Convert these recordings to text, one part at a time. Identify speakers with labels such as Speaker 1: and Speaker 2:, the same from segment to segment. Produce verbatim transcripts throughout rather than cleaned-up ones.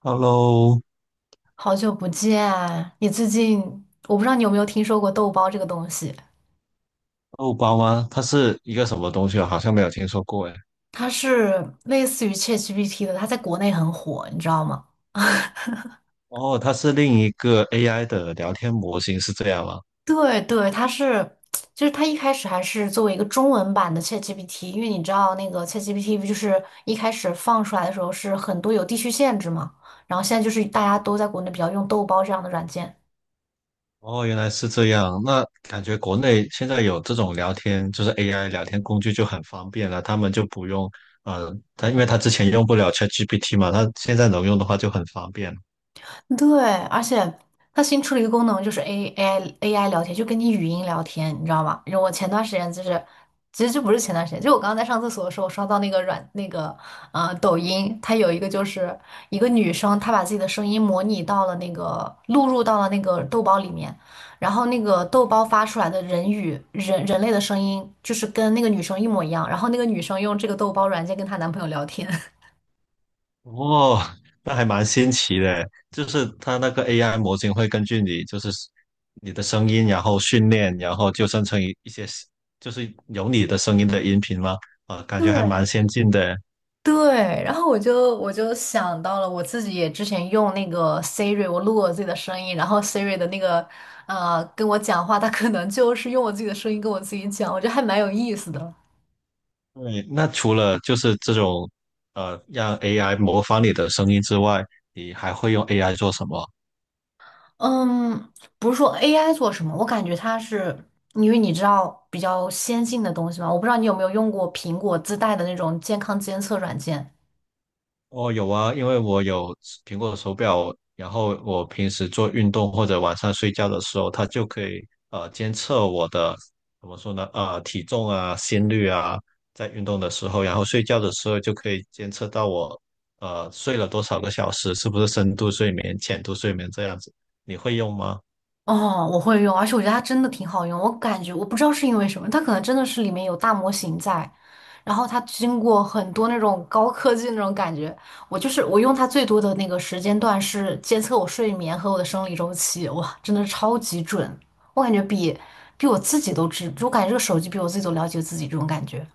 Speaker 1: Hello，
Speaker 2: 好久不见，你最近我不知道你有没有听说过豆包这个东西，
Speaker 1: 奥巴马，它是一个什么东西啊？好像没有听说过哎。
Speaker 2: 它是类似于 ChatGPT 的，它在国内很火，你知道吗？
Speaker 1: 哦，它是另一个 A I 的聊天模型，是这样吗？
Speaker 2: 对对，它是，就是它一开始还是作为一个中文版的 ChatGPT，因为你知道那个 ChatGPT 不就是一开始放出来的时候是很多有地区限制嘛，然后现在就是大家都在国内比较用豆包这样的软件。
Speaker 1: 哦，原来是这样。那感觉国内现在有这种聊天，就是 A I 聊天工具就很方便了，他们就不用，呃，他因为他之前用不了 ChatGPT 嘛，他现在能用的话就很方便。
Speaker 2: 对，而且它新出了一个功能，就是 A AI A I 聊天，就跟你语音聊天，你知道吗？然后我前段时间就是，其实就不是前段时间，就我刚刚在上厕所的时候，我刷到那个软那个呃抖音，它有一个就是一个女生，她把自己的声音模拟到了那个录入到了那个豆包里面，然后那个豆包发出来的人语人人类的声音，就是跟那个女生一模一样，然后那个女生用这个豆包软件跟她男朋友聊天。
Speaker 1: 哦，那还蛮新奇的，就是它那个 A I 模型会根据你，就是你的声音，然后训练，然后就生成一一些，就是有你的声音的音频吗？啊，感觉
Speaker 2: 对
Speaker 1: 还蛮先进的。
Speaker 2: 对，然后我就我就想到了，我自己也之前用那个 Siri，我录我自己的声音，然后 Siri 的那个呃跟我讲话，它可能就是用我自己的声音跟我自己讲，我觉得还蛮有意思的。
Speaker 1: 对，那除了就是这种呃让 A I 模仿你的声音之外，你还会用 A I 做什么？
Speaker 2: 嗯，不是说 A I 做什么，我感觉它是因为你知道比较先进的东西嘛，我不知道你有没有用过苹果自带的那种健康监测软件。
Speaker 1: 哦，有啊，因为我有苹果手表，然后我平时做运动或者晚上睡觉的时候，它就可以呃监测我的，怎么说呢？呃，体重啊、心率啊，在运动的时候，然后睡觉的时候就可以监测到我呃睡了多少个小时，是不是深度睡眠、浅度睡眠这样子。你会用吗？
Speaker 2: 哦，我会用，而且我觉得它真的挺好用。我感觉我不知道是因为什么，它可能真的是里面有大模型在，然后它经过很多那种高科技那种感觉。我就是我用它最多的那个时间段是监测我睡眠和我的生理周期，哇，真的是超级准。我感觉比比我自己都知，就我感觉这个手机比我自己都了解自己这种感觉。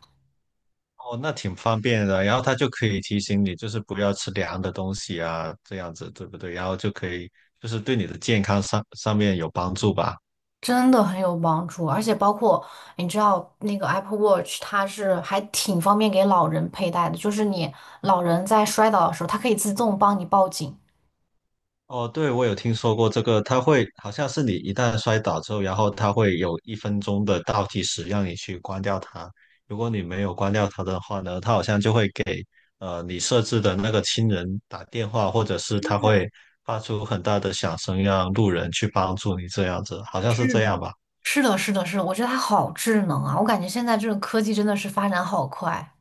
Speaker 1: 哦，那挺方便的。然后它就可以提醒你，就是不要吃凉的东西啊，这样子对不对？然后就可以就是对你的健康上上面有帮助吧。
Speaker 2: 真的很有帮助，而且包括你知道那个 Apple Watch，它是还挺方便给老人佩戴的，就是你老人在摔倒的时候，它可以自动帮你报警。
Speaker 1: 哦，对，我有听说过这个，它会好像是你一旦摔倒之后，然后它会有一分钟的倒计时让你去关掉它。如果你没有关掉它的话呢，它好像就会给呃你设置的那个亲人打电话，或者是它会发出很大的响声，让路人去帮助你这样子，好像是
Speaker 2: 是
Speaker 1: 这
Speaker 2: 的。
Speaker 1: 样吧？
Speaker 2: 是的，是的，是的，我觉得它好智能啊！我感觉现在这个科技真的是发展好快。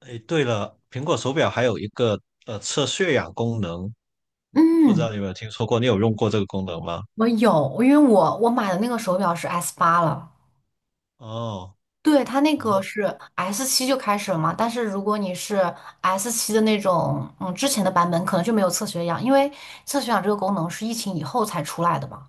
Speaker 1: 诶，对了，苹果手表还有一个呃测血氧功能，不知
Speaker 2: 嗯，
Speaker 1: 道你有没有听说过？你有用过这个功能吗？
Speaker 2: 我有，因为我我买的那个手表是 S 八了。
Speaker 1: 哦。
Speaker 2: 对，它那
Speaker 1: 然
Speaker 2: 个
Speaker 1: 后。
Speaker 2: 是 S 七就开始了嘛，但是如果你是 S 七的那种，嗯，之前的版本可能就没有测血氧，因为测血氧这个功能是疫情以后才出来的嘛。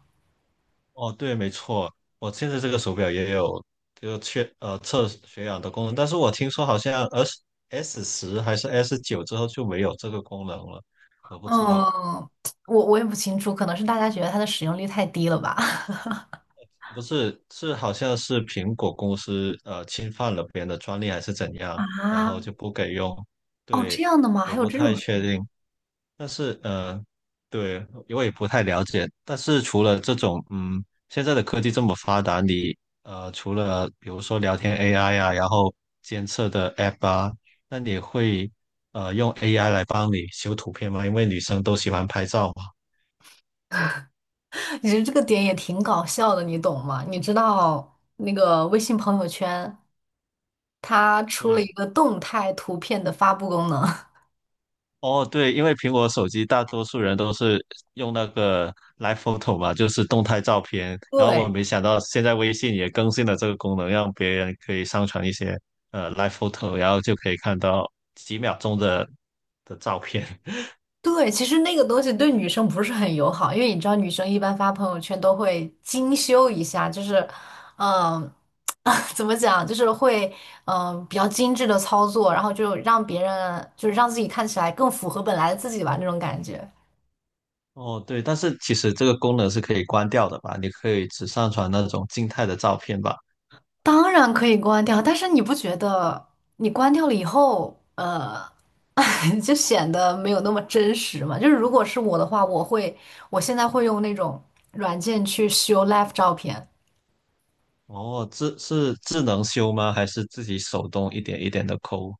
Speaker 1: 哦，对，没错，我现在这个手表也有，就确呃测血氧的功能，但是我听说好像 S S 十还是 S 九之后就没有这个功能了，我不知道，
Speaker 2: 嗯，我我也不清楚，可能是大家觉得它的使用率太低了吧？
Speaker 1: 不是是好像是苹果公司呃侵犯了别人的专利还是怎样，然后
Speaker 2: 啊，
Speaker 1: 就不给用，
Speaker 2: 哦，这
Speaker 1: 对，
Speaker 2: 样的吗？
Speaker 1: 我
Speaker 2: 还有
Speaker 1: 不
Speaker 2: 这
Speaker 1: 太
Speaker 2: 种，
Speaker 1: 确定。但是呃，对，我也不太了解。但是除了这种，嗯，现在的科技这么发达，你呃，除了比如说聊天 A I 啊，然后监测的 App 啊，那你会呃用 A I 来帮你修图片吗？因为女生都喜欢拍照嘛。
Speaker 2: 你觉得这个点也挺搞笑的，你懂吗？你知道那个微信朋友圈它出了一
Speaker 1: 对，
Speaker 2: 个动态图片的发布功能，
Speaker 1: 哦，对，因为苹果手机大多数人都是用那个 Live Photo 嘛，就是动态照片。然后我
Speaker 2: 对。
Speaker 1: 没想到现在微信也更新了这个功能，让别人可以上传一些呃 Live Photo，然后就可以看到几秒钟的的照片。
Speaker 2: 对，其实那个东西对女生不是很友好，因为你知道，女生一般发朋友圈都会精修一下，就是，嗯、怎么讲，就是会，嗯、比较精致的操作，然后就让别人，就是让自己看起来更符合本来的自己吧，那种感觉。
Speaker 1: 哦，对，但是其实这个功能是可以关掉的吧？你可以只上传那种静态的照片吧？
Speaker 2: 当然可以关掉，但是你不觉得你关掉了以后，呃，就显得没有那么真实嘛？就是如果是我的话，我会，我现在会用那种软件去修 live 照片。
Speaker 1: 哦，智是智能修吗？还是自己手动一点一点的抠？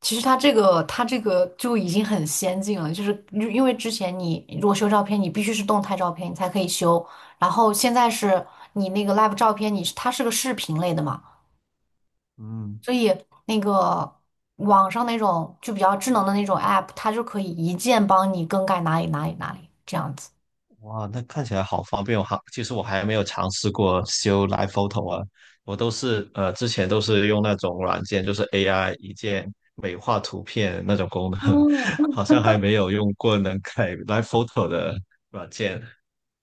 Speaker 2: 其实它这个它这个就已经很先进了，就是因因为之前你如果修照片，你必须是动态照片你才可以修，然后现在是你那个 live 照片，你是它是个视频类的嘛，
Speaker 1: 嗯。
Speaker 2: 所以那个网上那种就比较智能的那种 app，它就可以一键帮你更改哪里哪里哪里这样子。
Speaker 1: 哇，那看起来好方便哦！哈，其实我还没有尝试过修 Live Photo 啊，我都是呃之前都是用那种软件，就是 A I 一键美化图片那种功能，
Speaker 2: 哦，
Speaker 1: 好像还没有用过能改 Live Photo 的软件。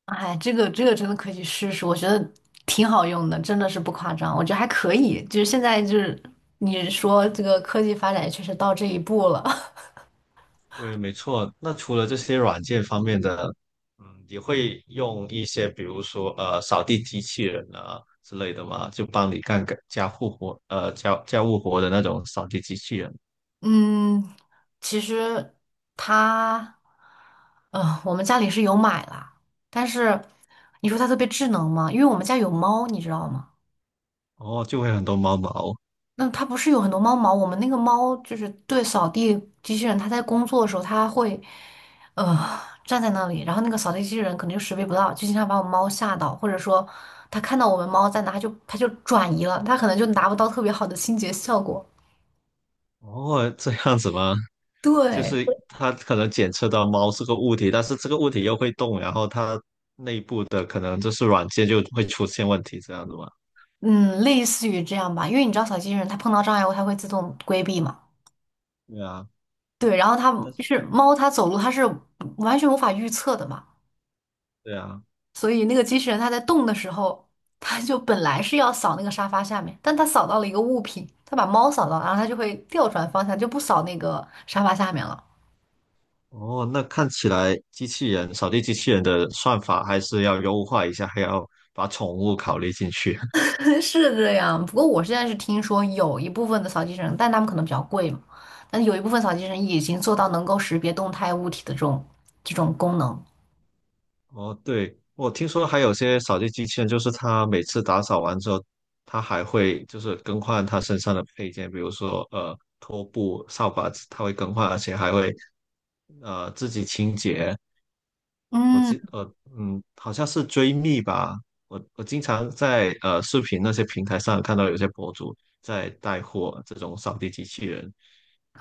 Speaker 2: 哎，这个这个真的可以试试，我觉得挺好用的，真的是不夸张，我觉得还可以。就是现在就是你说这个科技发展也确实到这一步了。
Speaker 1: 对，没错。那除了这些软件方面的，嗯，你会用一些比如说呃扫地机器人啊之类的吗？就帮你干个家务活，呃家家务活的那种扫地机器人，
Speaker 2: 嗯，其实它，呃，我们家里是有买啦，但是你说它特别智能吗？因为我们家有猫，你知道吗？
Speaker 1: 哦，就会很多猫毛。
Speaker 2: 那它不是有很多猫毛？我们那个猫就是对扫地机器人，它在工作的时候，它会，呃，站在那里，然后那个扫地机器人可能就识别不到，就经常把我猫吓到，或者说它看到我们猫在哪，它就它就转移了，它可能就达不到特别好的清洁效果。
Speaker 1: 哦，这样子吗？就
Speaker 2: 对，
Speaker 1: 是它可能检测到猫是个物体，但是这个物体又会动，然后它的可能就是软件就会出现问题，这样子吗？
Speaker 2: 嗯，类似于这样吧，因为你知道小金人它碰到障碍物它会自动规避嘛，
Speaker 1: 对啊，
Speaker 2: 对，然后它
Speaker 1: 但
Speaker 2: 就
Speaker 1: 是
Speaker 2: 是猫它走路它是完全无法预测的嘛，
Speaker 1: 对啊，
Speaker 2: 所以那个机器人它在动的时候，它就本来是要扫那个沙发下面，但它扫到了一个物品，它把猫扫到了然后它就会调转方向，就不扫那个沙发下面了，
Speaker 1: 哦，那看起来机器人扫地机器人的算法还是要优化一下，还要把宠物考虑进去。
Speaker 2: 是这样。不过我现在是听说有一部分的扫地机器人，但他们可能比较贵嘛，但有一部分扫地机器人已经做到能够识别动态物体的这种这种功能。
Speaker 1: 哦，对，我听说还有些扫地机器人，就是它每次打扫完之后，它还会就是更换它身上的配件，比如说呃拖布、扫把子它会更换，而且还会呃自己清洁。我
Speaker 2: 嗯。
Speaker 1: 记呃嗯，好像是追觅吧，我我经常在呃视频那些平台上看到有些博主在带货这种扫地机器人，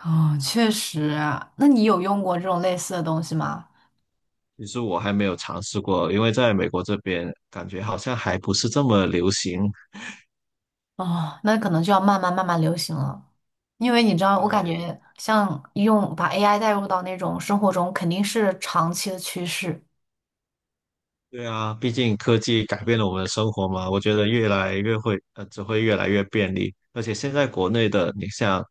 Speaker 2: 哦，确实啊那你有用过这种类似的东西吗？
Speaker 1: 其实我还没有尝试过，因为在美国这边感觉好像还不是这么流行。
Speaker 2: 哦，那可能就要慢慢慢慢流行了，因为你知道，我感
Speaker 1: 对，
Speaker 2: 觉像用把 A I 带入到那种生活中，肯定是长期的趋势。
Speaker 1: 对啊，毕竟科技改变了我们的生活嘛，我觉得越来越会，呃，只会越来越便利。而且现在国内的，你像，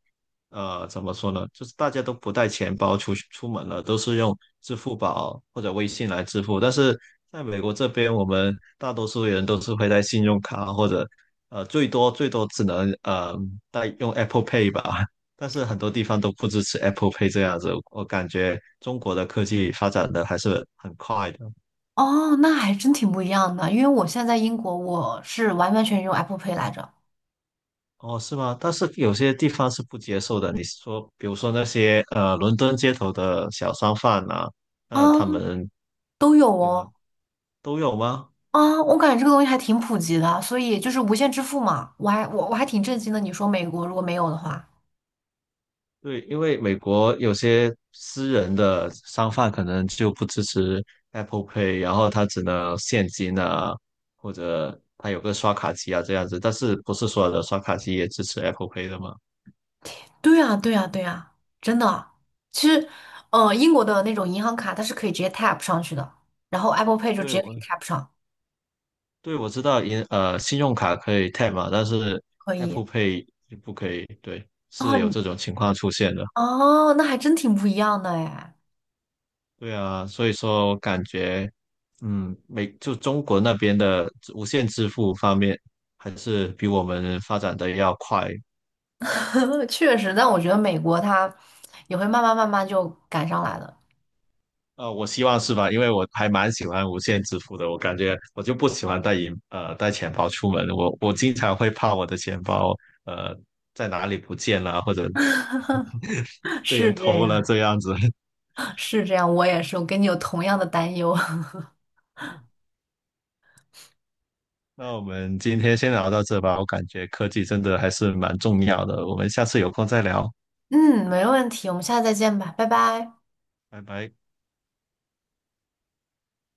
Speaker 1: 呃，怎么说呢，就是大家都不带钱包出去出门了，都是用支付宝或者微信来支付。但是在美国这边，我们大多数人都是会带信用卡或者，呃，最多最多只能呃带用 Apple Pay 吧。但是很多地方都不支持 Apple Pay 这样子，我感觉中国的科技发展的还是很快的。
Speaker 2: 哦，那还真挺不一样的，因为我现在在英国，我是完完全全用 Apple Pay 来着。
Speaker 1: 哦，是吗？但是有些地方是不接受的。你是说，比如说那些呃，伦敦街头的小商贩呐，那他
Speaker 2: 啊，
Speaker 1: 们
Speaker 2: 都有
Speaker 1: 对啊，
Speaker 2: 哦。
Speaker 1: 都有吗？
Speaker 2: 啊，我感觉这个东西还挺普及的，所以就是无线支付嘛，我还我我还挺震惊的。你说美国如果没有的话。
Speaker 1: 对，因为美国有些私人的商贩可能就不支持 Apple Pay，然后他只能现金啊，或者他有个刷卡机啊这样子，但是不是所有的刷卡机也支持 Apple Pay 的吗？
Speaker 2: 对啊，对啊，对啊，真的。其实，呃，英国的那种银行卡它是可以直接 tap 上去的，然后 Apple Pay 就直
Speaker 1: 对，
Speaker 2: 接给
Speaker 1: 我。
Speaker 2: 你 tap 上，
Speaker 1: 对，我知道银呃信用卡可以 tap 嘛，但是
Speaker 2: 可以。
Speaker 1: Apple Pay 就不可以，对，
Speaker 2: 哦，
Speaker 1: 是有
Speaker 2: 你
Speaker 1: 这种情况出现的。
Speaker 2: 哦，那还真挺不一样的哎，
Speaker 1: 对啊，所以说我感觉，嗯，美就中国那边的无线支付方面，还是比我们发展的要快。
Speaker 2: 确实。但我觉得美国它也会慢慢慢慢就赶上来的，
Speaker 1: 呃，我希望是吧？因为我还蛮喜欢无线支付的，我感觉我就不喜欢带银呃带钱包出门，我我经常会怕我的钱包呃在哪里不见了，或者 被人
Speaker 2: 是这
Speaker 1: 偷了
Speaker 2: 样，
Speaker 1: 这样子。
Speaker 2: 是这样。我也是，我跟你有同样的担忧。
Speaker 1: 那我们今天先聊到这吧，我感觉科技真的还是蛮重要的，我们下次有空再聊，
Speaker 2: 嗯，没问题，我们下次再见吧，拜拜。
Speaker 1: 拜拜。